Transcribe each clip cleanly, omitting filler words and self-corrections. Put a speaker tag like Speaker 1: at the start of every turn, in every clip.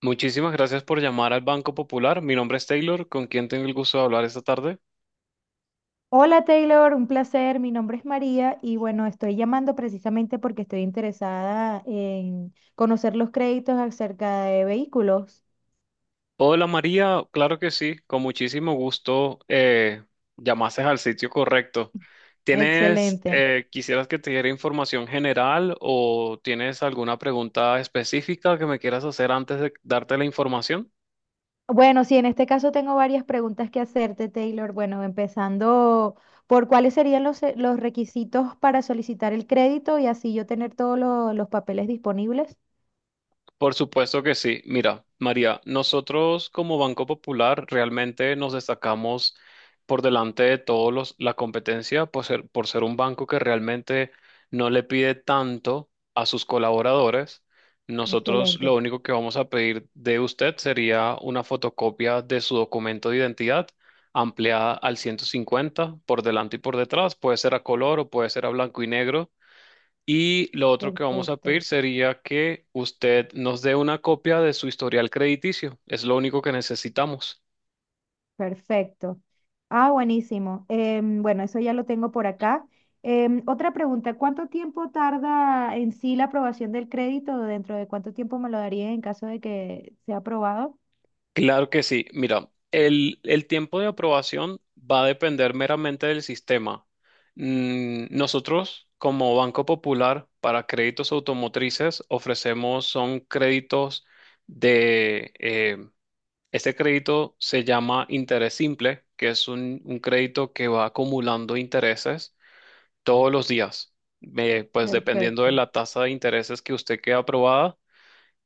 Speaker 1: Muchísimas gracias por llamar al Banco Popular. Mi nombre es Taylor, con quien tengo el gusto de hablar esta tarde.
Speaker 2: Hola Taylor, un placer. Mi nombre es María y bueno, estoy llamando precisamente porque estoy interesada en conocer los créditos acerca de vehículos.
Speaker 1: Hola María, claro que sí, con muchísimo gusto, llamaste al sitio correcto. ¿Tienes,
Speaker 2: Excelente.
Speaker 1: eh, Quisieras que te diera información general o tienes alguna pregunta específica que me quieras hacer antes de darte la información?
Speaker 2: Bueno, sí, en este caso tengo varias preguntas que hacerte, Taylor. Bueno, empezando por cuáles serían los requisitos para solicitar el crédito y así yo tener todos los papeles disponibles.
Speaker 1: Por supuesto que sí. Mira, María, nosotros como Banco Popular realmente nos destacamos por delante de la competencia por ser un banco que realmente no le pide tanto a sus colaboradores. Nosotros lo
Speaker 2: Excelente,
Speaker 1: único que vamos a pedir de usted sería una fotocopia de su documento de identidad ampliada al 150% por delante y por detrás. Puede ser a color o puede ser a blanco y negro. Y lo otro que vamos a pedir
Speaker 2: perfecto.
Speaker 1: sería que usted nos dé una copia de su historial crediticio. Es lo único que necesitamos.
Speaker 2: Perfecto. Ah, buenísimo. Bueno, eso ya lo tengo por acá. Otra pregunta, ¿cuánto tiempo tarda en sí la aprobación del crédito? ¿Dentro de cuánto tiempo me lo daría en caso de que sea aprobado?
Speaker 1: Claro que sí. Mira, el tiempo de aprobación va a depender meramente del sistema. Nosotros, como Banco Popular, para créditos automotrices ofrecemos son créditos de... eh, este crédito se llama interés simple, que es un crédito que va acumulando intereses todos los días. Pues dependiendo de
Speaker 2: Perfecto.
Speaker 1: la tasa de intereses que usted quede aprobada,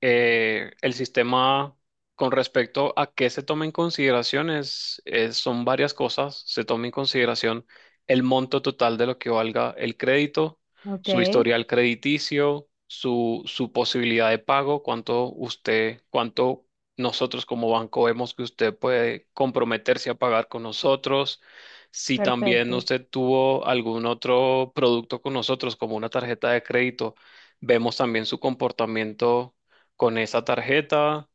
Speaker 1: el sistema, con respecto a qué se toma en consideración son varias cosas. Se toma en consideración el monto total de lo que valga el crédito,
Speaker 2: Ok,
Speaker 1: su historial crediticio, su posibilidad de pago, cuánto usted, cuánto nosotros como banco vemos que usted puede comprometerse a pagar con nosotros. Si también
Speaker 2: perfecto.
Speaker 1: usted tuvo algún otro producto con nosotros, como una tarjeta de crédito, vemos también su comportamiento con esa tarjeta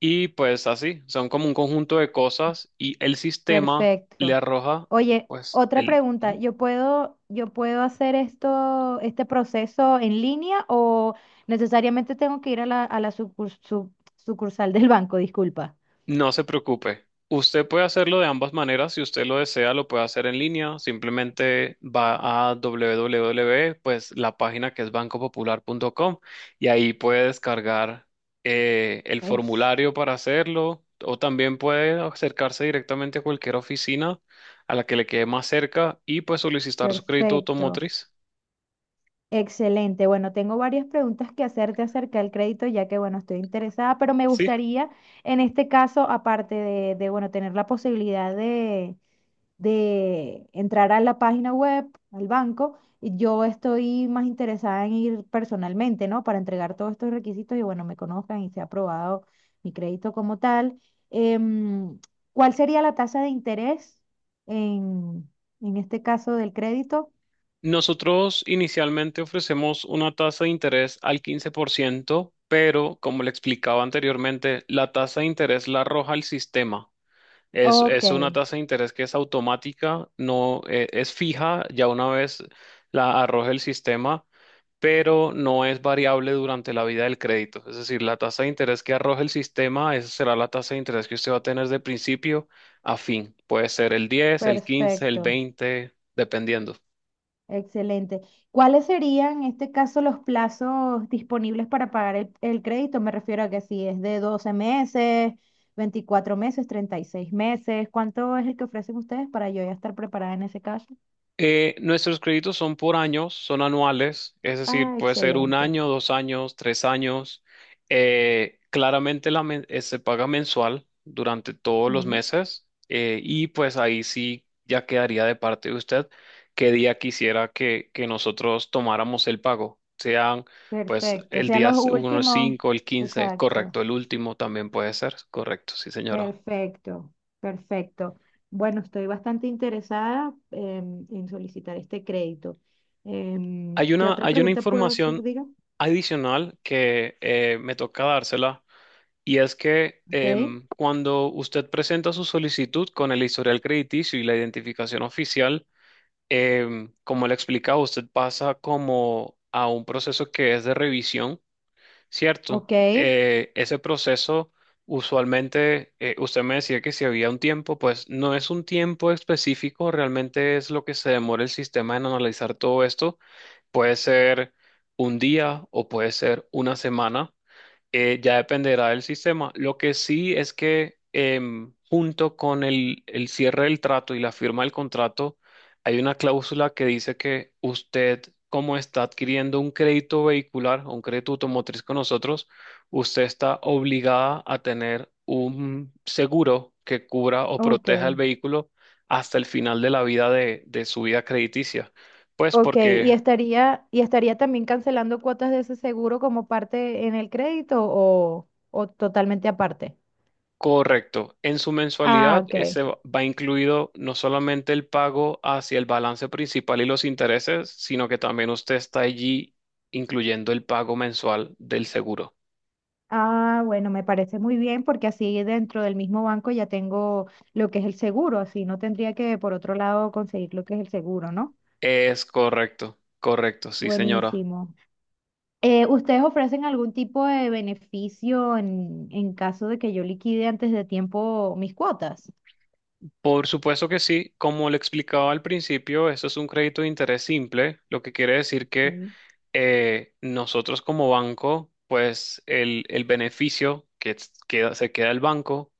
Speaker 1: y pues así, son como un conjunto de cosas y el sistema le
Speaker 2: Perfecto.
Speaker 1: arroja
Speaker 2: Oye,
Speaker 1: pues
Speaker 2: otra
Speaker 1: el...
Speaker 2: pregunta, yo puedo hacer esto, este proceso en línea o necesariamente tengo que ir a a la sucursal del banco? Disculpa.
Speaker 1: No se preocupe. Usted puede hacerlo de ambas maneras. Si usted lo desea, lo puede hacer en línea. Simplemente va a www, pues la página que es bancopopular.com y ahí puede descargar el
Speaker 2: Es-
Speaker 1: formulario para hacerlo o también puede acercarse directamente a cualquier oficina a la que le quede más cerca y pues solicitar su crédito
Speaker 2: Perfecto,
Speaker 1: automotriz.
Speaker 2: excelente. Bueno, tengo varias preguntas que hacerte acerca del crédito, ya que, bueno, estoy interesada, pero me
Speaker 1: Sí.
Speaker 2: gustaría, en este caso, aparte bueno, tener la posibilidad de entrar a la página web, al banco, y yo estoy más interesada en ir personalmente, ¿no? Para entregar todos estos requisitos y, bueno, me conozcan y sea aprobado mi crédito como tal. Em, ¿Cuál sería la tasa de interés en, en este caso del crédito?
Speaker 1: Nosotros inicialmente ofrecemos una tasa de interés al 15%, pero como le explicaba anteriormente, la tasa de interés la arroja el sistema. Es,
Speaker 2: Ok,
Speaker 1: es una tasa de interés que es automática, no es fija, ya una vez la arroja el sistema, pero no es variable durante la vida del crédito. Es decir, la tasa de interés que arroja el sistema, esa será la tasa de interés que usted va a tener de principio a fin. Puede ser el 10, el 15, el
Speaker 2: perfecto,
Speaker 1: 20, dependiendo.
Speaker 2: excelente. ¿Cuáles serían en este caso los plazos disponibles para pagar el crédito? Me refiero a que si es de 12 meses, 24 meses, 36 meses, ¿cuánto es el que ofrecen ustedes para yo ya estar preparada en ese caso?
Speaker 1: Nuestros créditos son por años, son anuales, es decir,
Speaker 2: Ah,
Speaker 1: puede ser un
Speaker 2: excelente.
Speaker 1: año, dos años, tres años. Claramente se paga mensual durante todos los
Speaker 2: Mm,
Speaker 1: meses, y pues ahí sí ya quedaría de parte de usted qué día quisiera que nosotros tomáramos el pago. Sean pues
Speaker 2: perfecto, o
Speaker 1: el
Speaker 2: sea,
Speaker 1: día
Speaker 2: los
Speaker 1: uno
Speaker 2: últimos.
Speaker 1: 5, el 15,
Speaker 2: Exacto.
Speaker 1: correcto, el último también puede ser, correcto, sí señora.
Speaker 2: Perfecto, perfecto. Bueno, estoy bastante interesada en solicitar este crédito. ¿Qué otra
Speaker 1: Hay una
Speaker 2: pregunta puedo hacer,
Speaker 1: información
Speaker 2: diga?
Speaker 1: adicional que me toca dársela y es que
Speaker 2: Ok,
Speaker 1: cuando usted presenta su solicitud con el historial crediticio y la identificación oficial, como le explicaba, usted pasa como a un proceso que es de revisión. Cierto,
Speaker 2: ok,
Speaker 1: ese proceso usualmente, usted me decía que si había un tiempo, pues no es un tiempo específico, realmente es lo que se demora el sistema en analizar todo esto. Puede ser un día o puede ser una semana, ya dependerá del sistema. Lo que sí es que, junto con el cierre del trato y la firma del contrato, hay una cláusula que dice que usted, como está adquiriendo un crédito vehicular o un crédito automotriz con nosotros, usted está obligada a tener un seguro que cubra o
Speaker 2: ok,
Speaker 1: proteja el vehículo hasta el final de la vida de su vida crediticia. Pues
Speaker 2: ok.
Speaker 1: porque
Speaker 2: ¿Y estaría también cancelando cuotas de ese seguro como parte en el crédito o totalmente aparte?
Speaker 1: correcto. En su
Speaker 2: Ah,
Speaker 1: mensualidad
Speaker 2: ok.
Speaker 1: ese va incluido no solamente el pago hacia el balance principal y los intereses, sino que también usted está allí incluyendo el pago mensual del seguro.
Speaker 2: Ah, bueno, me parece muy bien porque así dentro del mismo banco ya tengo lo que es el seguro, así no tendría que por otro lado conseguir lo que es el seguro, ¿no?
Speaker 1: Es correcto, correcto, sí, señora.
Speaker 2: Buenísimo. ¿Ustedes ofrecen algún tipo de beneficio en caso de que yo liquide antes de tiempo mis cuotas?
Speaker 1: Por supuesto que sí, como le explicaba al principio, esto es un crédito de interés simple, lo que quiere decir que
Speaker 2: Sí.
Speaker 1: nosotros como banco, pues el beneficio que se queda el banco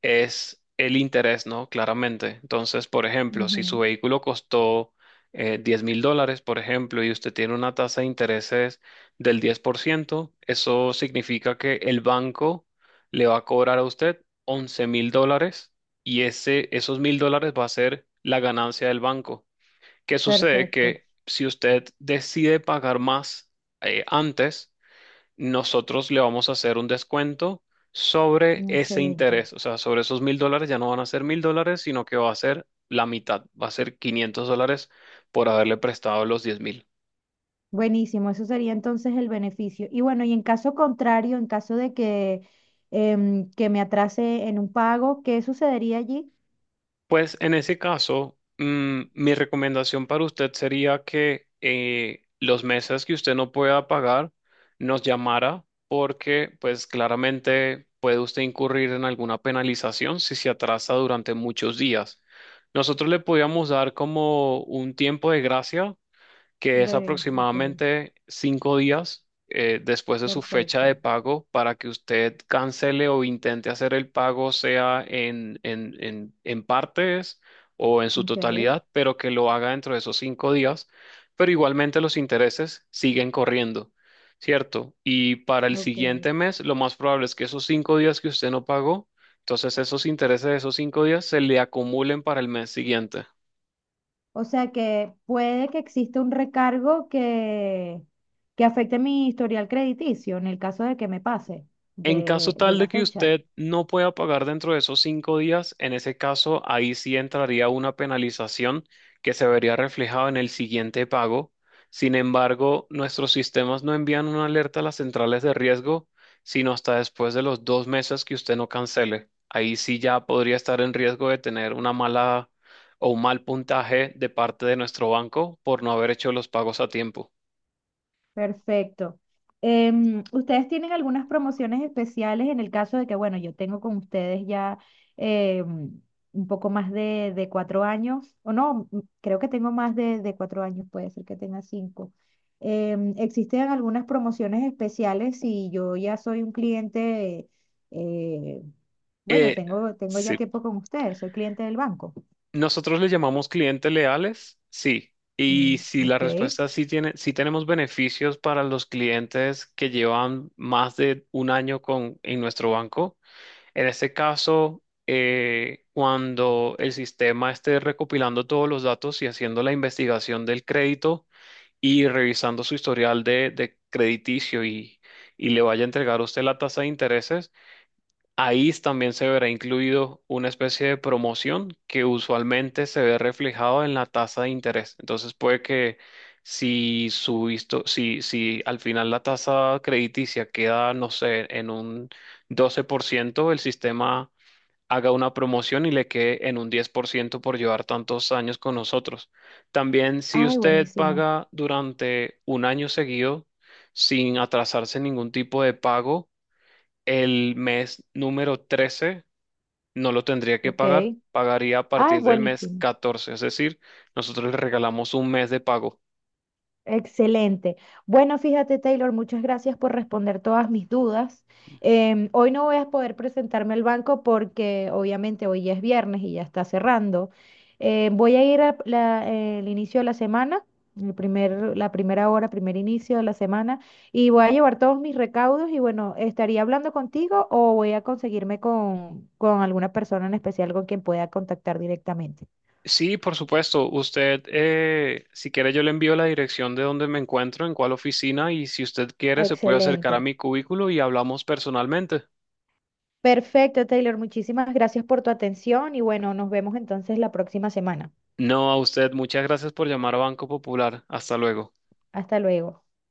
Speaker 1: es el interés, ¿no? Claramente. Entonces, por ejemplo, si su
Speaker 2: Ujú,
Speaker 1: vehículo costó 10 mil dólares, por ejemplo, y usted tiene una tasa de intereses del 10%, eso significa que el banco le va a cobrar a usted $11.000 y esos $1.000 va a ser la ganancia del banco. ¿Qué sucede?
Speaker 2: perfecto,
Speaker 1: Que si usted decide pagar más, antes, nosotros le vamos a hacer un descuento sobre ese
Speaker 2: excelente.
Speaker 1: interés. O sea, sobre esos $1.000 ya no van a ser $1.000, sino que va a ser la mitad, va a ser $500 por haberle prestado los 10.000.
Speaker 2: Buenísimo, eso sería entonces el beneficio. Y bueno, y en caso contrario, en caso de que, que me atrase en un pago, ¿qué sucedería allí?
Speaker 1: Pues en ese caso, mi recomendación para usted sería que, los meses que usted no pueda pagar, nos llamara porque pues claramente puede usted incurrir en alguna penalización si se atrasa durante muchos días. Nosotros le podíamos dar como un tiempo de gracia que es
Speaker 2: Ok,
Speaker 1: aproximadamente cinco días después de su fecha de
Speaker 2: perfecto.
Speaker 1: pago para que usted cancele o intente hacer el pago, sea en, en partes o en su
Speaker 2: Ok,
Speaker 1: totalidad, pero que lo haga dentro de esos cinco días. Pero igualmente los intereses siguen corriendo, ¿cierto? Y para el
Speaker 2: ok.
Speaker 1: siguiente mes, lo más probable es que esos cinco días que usted no pagó, entonces esos intereses de esos cinco días se le acumulen para el mes siguiente.
Speaker 2: O sea que puede que exista un recargo que afecte mi historial crediticio en el caso de que me pase
Speaker 1: En caso
Speaker 2: de
Speaker 1: tal de
Speaker 2: la
Speaker 1: que
Speaker 2: fecha.
Speaker 1: usted no pueda pagar dentro de esos cinco días, en ese caso ahí sí entraría una penalización que se vería reflejada en el siguiente pago. Sin embargo, nuestros sistemas no envían una alerta a las centrales de riesgo, sino hasta después de los dos meses que usted no cancele. Ahí sí ya podría estar en riesgo de tener una mala o un mal puntaje de parte de nuestro banco por no haber hecho los pagos a tiempo.
Speaker 2: Perfecto. ¿Ustedes tienen algunas promociones especiales en el caso de que, bueno, yo tengo con ustedes ya em, un poco más de 4 años, o no, creo que tengo más de 4 años, puede ser que tenga 5. ¿Existen algunas promociones especiales si yo ya soy un cliente, eh, bueno,
Speaker 1: Eh,
Speaker 2: tengo ya
Speaker 1: sí.
Speaker 2: tiempo con ustedes, soy cliente del banco?
Speaker 1: Nosotros le llamamos clientes leales, sí. Y
Speaker 2: Mm,
Speaker 1: si la
Speaker 2: ok.
Speaker 1: respuesta es sí tiene, sí tenemos beneficios para los clientes que llevan más de un año en nuestro banco. En este caso, cuando el sistema esté recopilando todos los datos y haciendo la investigación del crédito y revisando su historial de crediticio y le vaya a entregar a usted la tasa de intereses, ahí también se verá incluido una especie de promoción que usualmente se ve reflejado en la tasa de interés. Entonces puede que si subiste, si al final la tasa crediticia queda, no sé, en un 12%, el sistema haga una promoción y le quede en un 10% por ciento por llevar tantos años con nosotros. También si
Speaker 2: Ay,
Speaker 1: usted
Speaker 2: buenísimo.
Speaker 1: paga durante un año seguido sin atrasarse en ningún tipo de pago, el mes número 13 no lo tendría que pagar,
Speaker 2: Ok.
Speaker 1: pagaría a
Speaker 2: Ay,
Speaker 1: partir del mes
Speaker 2: buenísimo.
Speaker 1: 14. Es decir, nosotros le regalamos un mes de pago.
Speaker 2: Excelente. Bueno, fíjate, Taylor, muchas gracias por responder todas mis dudas. Hoy no voy a poder presentarme al banco porque obviamente hoy ya es viernes y ya está cerrando. Voy a ir al inicio de la semana, el primer, la primera hora, primer inicio de la semana, y voy a llevar todos mis recaudos y bueno, estaría hablando contigo o voy a conseguirme con alguna persona en especial con quien pueda contactar directamente.
Speaker 1: Sí, por supuesto, usted, si quiere, yo le envío la dirección de donde me encuentro, en cuál oficina, y si usted quiere, se puede acercar a
Speaker 2: Excelente.
Speaker 1: mi cubículo y hablamos personalmente.
Speaker 2: Perfecto, Taylor. Muchísimas gracias por tu atención y bueno, nos vemos entonces la próxima semana.
Speaker 1: No, a usted, muchas gracias por llamar a Banco Popular. Hasta luego.
Speaker 2: Hasta luego.